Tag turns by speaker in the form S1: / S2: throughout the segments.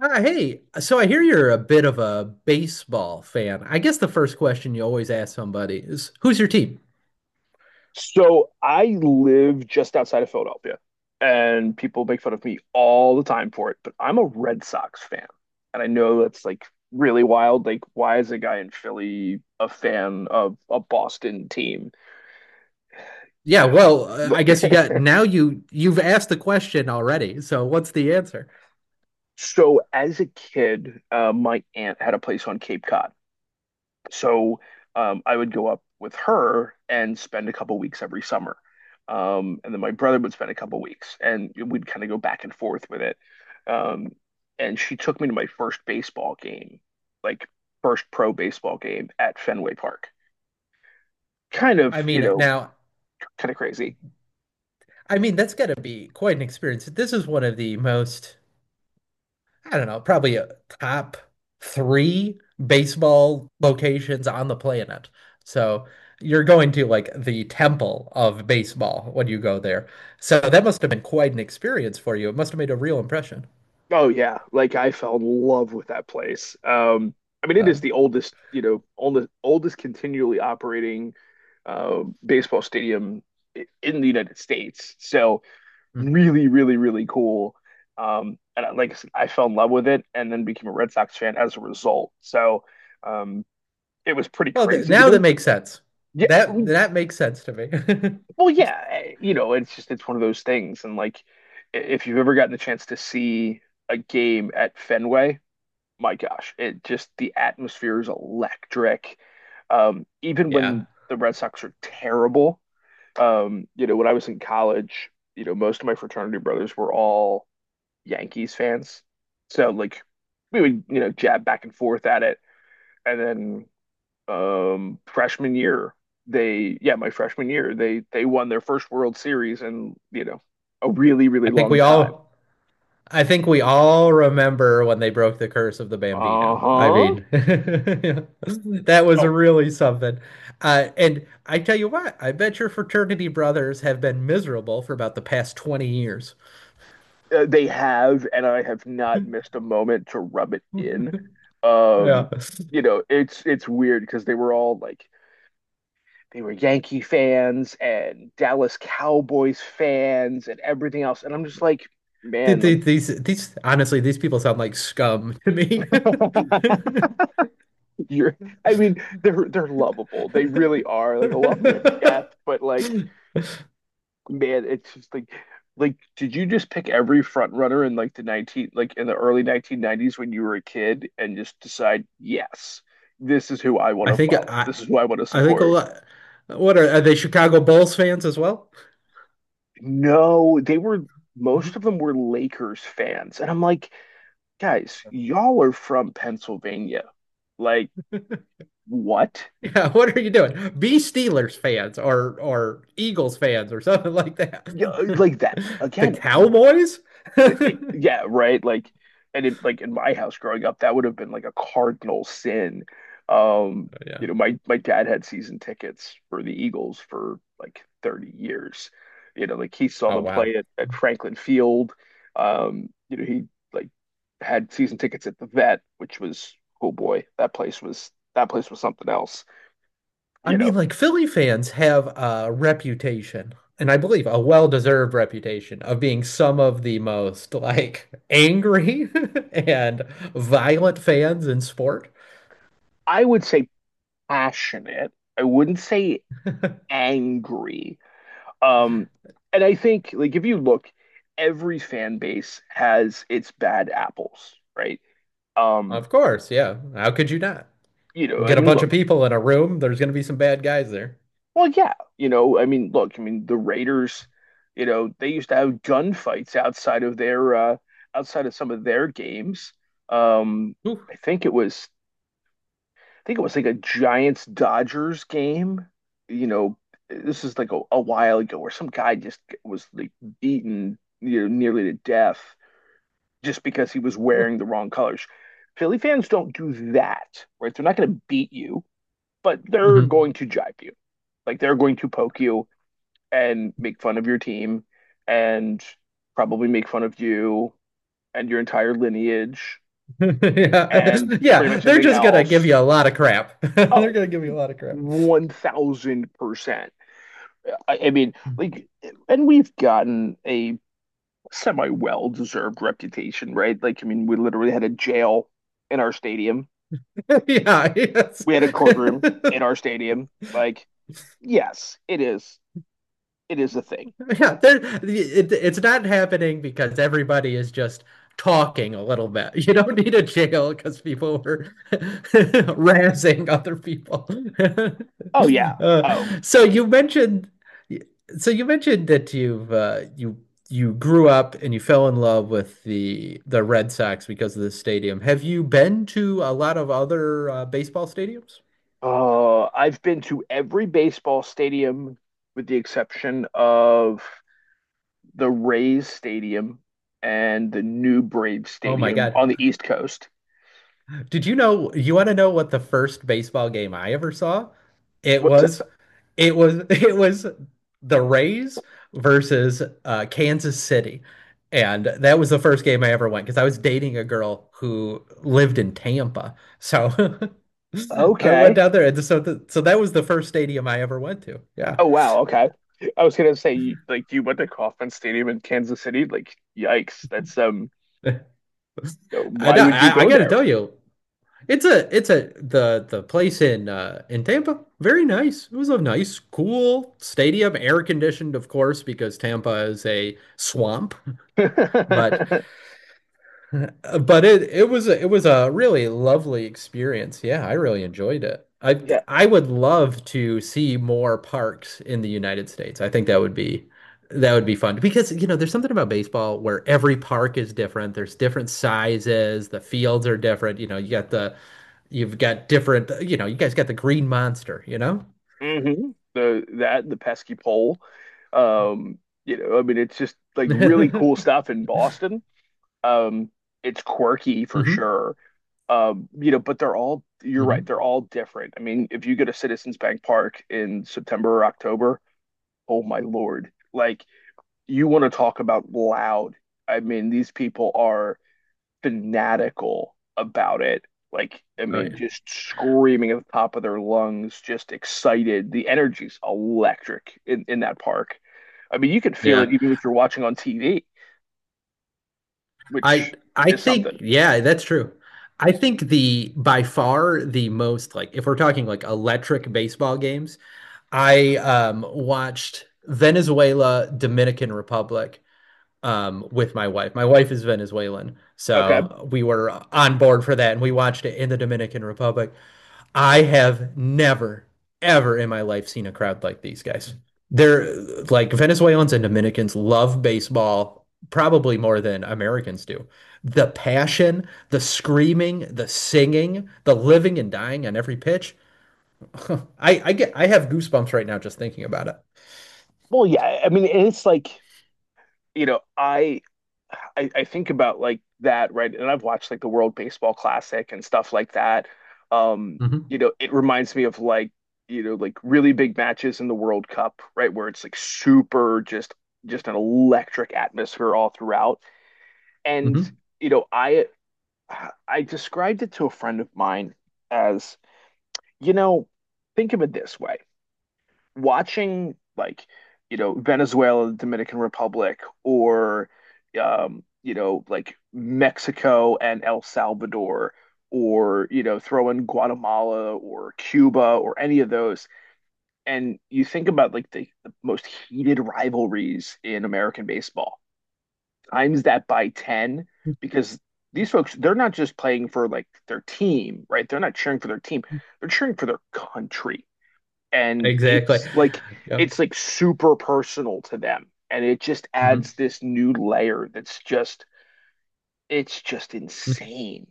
S1: Ah, hey, so I hear you're a bit of a baseball fan. I guess the first question you always ask somebody is, "Who's your team?"
S2: So I live just outside of Philadelphia, and people make fun of me all the time for it, but I'm a Red Sox fan. And I know that's like really wild. Like, why is a guy in Philly a fan of a Boston team? Yeah.
S1: Yeah, well,
S2: Well,
S1: I guess you got now you you've asked the question already. So what's the answer?
S2: So as a kid, my aunt had a place on Cape Cod. So, I would go up with her and spend a couple weeks every summer. And then my brother would spend a couple weeks and we'd kind of go back and forth with it. Um, and she took me to my first baseball game, like first pro baseball game at Fenway Park. Kind of,
S1: I
S2: you
S1: mean,
S2: know,
S1: now,
S2: kind of crazy.
S1: I mean that's got to be quite an experience. This is one of the most, I don't know, probably a top three baseball locations on the planet. So you're going to like the temple of baseball when you go there. So that must have been quite an experience for you. It must have made a real impression.
S2: Oh yeah, like I fell in love with that place. I mean, it
S1: Uh,
S2: is the oldest, oldest continually operating baseball stadium in the United States. So
S1: mm.
S2: really, really, really cool. And I fell in love with it, and then became a Red Sox fan as a result. So, um, it was pretty
S1: Well, th
S2: crazy to
S1: now that
S2: me.
S1: makes sense.
S2: Yeah,
S1: That makes sense to me.
S2: well, yeah, it's just it's one of those things. And like, if you've ever gotten the chance to see a game at Fenway, my gosh, it just the atmosphere is electric. Even
S1: Yeah.
S2: when the Red Sox are terrible, when I was in college, most of my fraternity brothers were all Yankees fans. So like we would, jab back and forth at it. And then freshman year, my freshman year, they won their first World Series in, a really,
S1: I
S2: really
S1: think
S2: long
S1: we
S2: time.
S1: all I think we all remember when they broke the curse of the Bambino. I
S2: Uh-huh.
S1: mean, that was
S2: Oh,
S1: really something. And I tell you what, I bet your fraternity brothers have been miserable for about the past 20 years.
S2: they have, and I have not missed a moment to rub it in. Um,
S1: Yeah.
S2: it's weird because they were all like they were Yankee fans and Dallas Cowboys fans and everything else. And I'm just like, man, like
S1: Th- These, honestly, these people sound like scum to me.
S2: you're I mean, they're lovable. They really are. Like I love them to death, but like, man, it's just like did you just pick every front runner in like the 19 like in the early 1990s when you were a kid and just decide, yes, this is who I want
S1: I
S2: to
S1: think
S2: follow.
S1: I,
S2: This is who I want to
S1: I think a
S2: support.
S1: lot. Are they Chicago Bulls fans as well?
S2: No, they were most of them were Lakers fans. And I'm like, guys, y'all are from Pennsylvania. Like, what?
S1: Yeah, what are you doing? Be Steelers fans or Eagles fans or something like that.
S2: Yeah, like that
S1: The
S2: again.
S1: Cowboys?
S2: Yeah, right. Like, and in my house growing up, that would have been like a cardinal sin. Um,
S1: Oh,
S2: you
S1: yeah.
S2: know, my my dad had season tickets for the Eagles for like 30 years. Like he saw
S1: Oh
S2: them
S1: wow.
S2: play at Franklin Field. He like had season tickets at the Vet, which was, oh boy, that place was something else.
S1: I
S2: You know,
S1: mean, like Philly fans have a reputation, and I believe a well-deserved reputation of being some of the most like angry and violent fans in sport.
S2: I would say passionate. I wouldn't say angry. Um, and I think like if you look, every fan base has its bad apples, right? Um,
S1: Of course, yeah. How could you not? You
S2: I
S1: get a
S2: mean,
S1: bunch of
S2: look,
S1: people in a room, there's going to be some bad guys there.
S2: well, yeah, I mean, look, I mean, the Raiders, they used to have gunfights outside of their outside of some of their games. Um,
S1: Ooh.
S2: I think it was I think it was like a Giants Dodgers game. You know, this is like a while ago where some guy just was like beaten, nearly to death just because he was wearing the wrong colors. Philly fans don't do that, right? They're not going to beat you, but they're
S1: Mhm.
S2: going to jibe you. Like they're going to poke you and make fun of your team and probably make fun of you and your entire lineage
S1: Yeah.
S2: and pretty
S1: Yeah,
S2: much
S1: they're
S2: anything
S1: just gonna give
S2: else.
S1: you a lot of crap. They're
S2: Oh,
S1: gonna give you a lot of crap.
S2: 1000%. I mean, like, and we've gotten a semi well deserved reputation, right? Like, I mean, we literally had a jail in our stadium,
S1: Yeah, yes.
S2: we had a courtroom in our stadium. Like, yes, it is. It is a thing.
S1: Yeah, there, it's not happening because everybody is just talking a little bit. You don't need a jail because people were razzing other people.
S2: Oh, yeah.
S1: uh,
S2: Oh,
S1: so you mentioned, so you mentioned that you you grew up and you fell in love with the Red Sox because of the stadium. Have you been to a lot of other baseball stadiums?
S2: I've been to every baseball stadium with the exception of the Rays Stadium and the new Brave
S1: Oh my
S2: Stadium on
S1: God,
S2: the East Coast.
S1: did you know you want to know what the first baseball game I ever saw? It
S2: What's?
S1: was it was it was the Rays versus Kansas City. And that was the first game I ever went because I was dating a girl who lived in Tampa. So I went
S2: Okay.
S1: down there and so that was the first stadium I ever went to. Yeah.
S2: Oh wow. Okay. I was gonna say, like, you went to Kauffman Stadium in Kansas City. Like, yikes. That's.
S1: I
S2: Why
S1: know,
S2: would you
S1: I
S2: go
S1: gotta
S2: there?
S1: tell you, it's a the place in Tampa. Very nice. It was a nice, cool stadium, air conditioned, of course, because Tampa is a swamp. But but it was a really lovely experience. Yeah, I really enjoyed it. I
S2: Yeah.
S1: I would love to see more parks in the United States. I think that would be fun because you know there's something about baseball where every park is different. There's different sizes. The fields are different. You know, you've got different, you know, you guys got the green monster, you know?
S2: Hmm. The pesky pole. Um. I mean, it's just like really cool stuff in Boston. Um. It's quirky for
S1: hmm
S2: sure. But they're all. You're right.
S1: hmm
S2: They're all different. I mean, if you go to Citizens Bank Park in September or October, oh my Lord. Like, you want to talk about loud. I mean, these people are fanatical about it. Like, I
S1: Oh
S2: mean,
S1: yeah.
S2: just screaming at the top of their lungs, just excited. The energy's electric in that park. I mean, you can feel it
S1: Yeah.
S2: even if you're watching on TV,
S1: I
S2: which
S1: I
S2: is
S1: think
S2: something.
S1: yeah, that's true. I think the by far the most, like if we're talking like electric baseball games, I watched Venezuela, Dominican Republic, with my wife. My wife is Venezuelan,
S2: Okay.
S1: so we were on board for that and we watched it in the Dominican Republic. I have never, ever in my life seen a crowd like these guys. They're like, Venezuelans and Dominicans love baseball probably more than Americans do. The passion, the screaming, the singing, the living and dying on every pitch. I get I have goosebumps right now just thinking about it.
S2: Well, yeah. I mean, it's like, you know, I I think about like that, right? And I've watched like the World Baseball Classic and stuff like that. Um,
S1: Mm-hmm.
S2: it reminds me of like really big matches in the World Cup, right? Where it's like super just an electric atmosphere all throughout. And,
S1: Mm-hmm.
S2: you know, I I described it to a friend of mine as, you know, think of it this way, watching like Venezuela, Dominican Republic, or like Mexico and El Salvador, or throw in Guatemala or Cuba or any of those, and you think about like the most heated rivalries in American baseball, times that by ten, because these folks, they're not just playing for like their team, right? They're not cheering for their team; they're cheering for their country, and
S1: Exactly.
S2: it's like
S1: Yeah.
S2: it's like super personal to them, and it just
S1: Mm-hmm.
S2: adds this new layer that's just insane.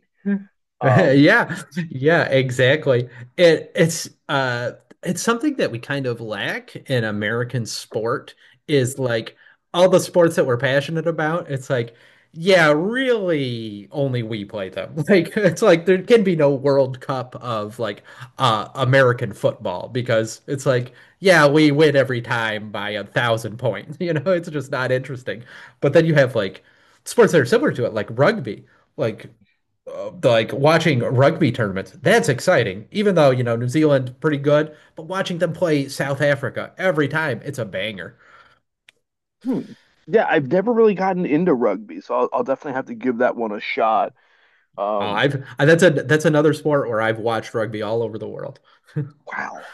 S2: um
S1: Yeah, yeah, exactly. It's it's something that we kind of lack in American sport is like all the sports that we're passionate about, it's like, yeah, really only we play them. Like it's like there can be no World Cup of like American football because it's like, yeah, we win every time by 1,000 points. You know, it's just not interesting. But then you have like sports that are similar to it, like rugby. Like like watching rugby tournaments, that's exciting. Even though, you know, New Zealand pretty good, but watching them play South Africa every time, it's a banger.
S2: hmm. Yeah, I've never really gotten into rugby, so I'll definitely have to give that one a shot. um
S1: That's a that's another sport where I've watched rugby all over the world.
S2: wow,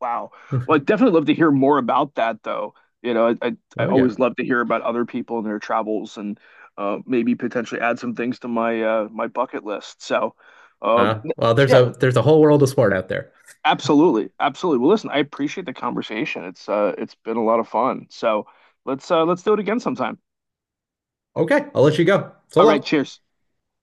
S2: wow. Well, I'd definitely love to hear more about that, though. I
S1: Oh yeah.
S2: always love to hear about other people and their travels, and maybe potentially add some things to my my bucket list, so um,
S1: Well,
S2: yeah.
S1: there's a whole world of sport out there.
S2: Absolutely. Absolutely. Well, listen, I appreciate the conversation. It's been a lot of fun. So let's do it again sometime.
S1: Okay, I'll let you go. So
S2: All right,
S1: long.
S2: cheers.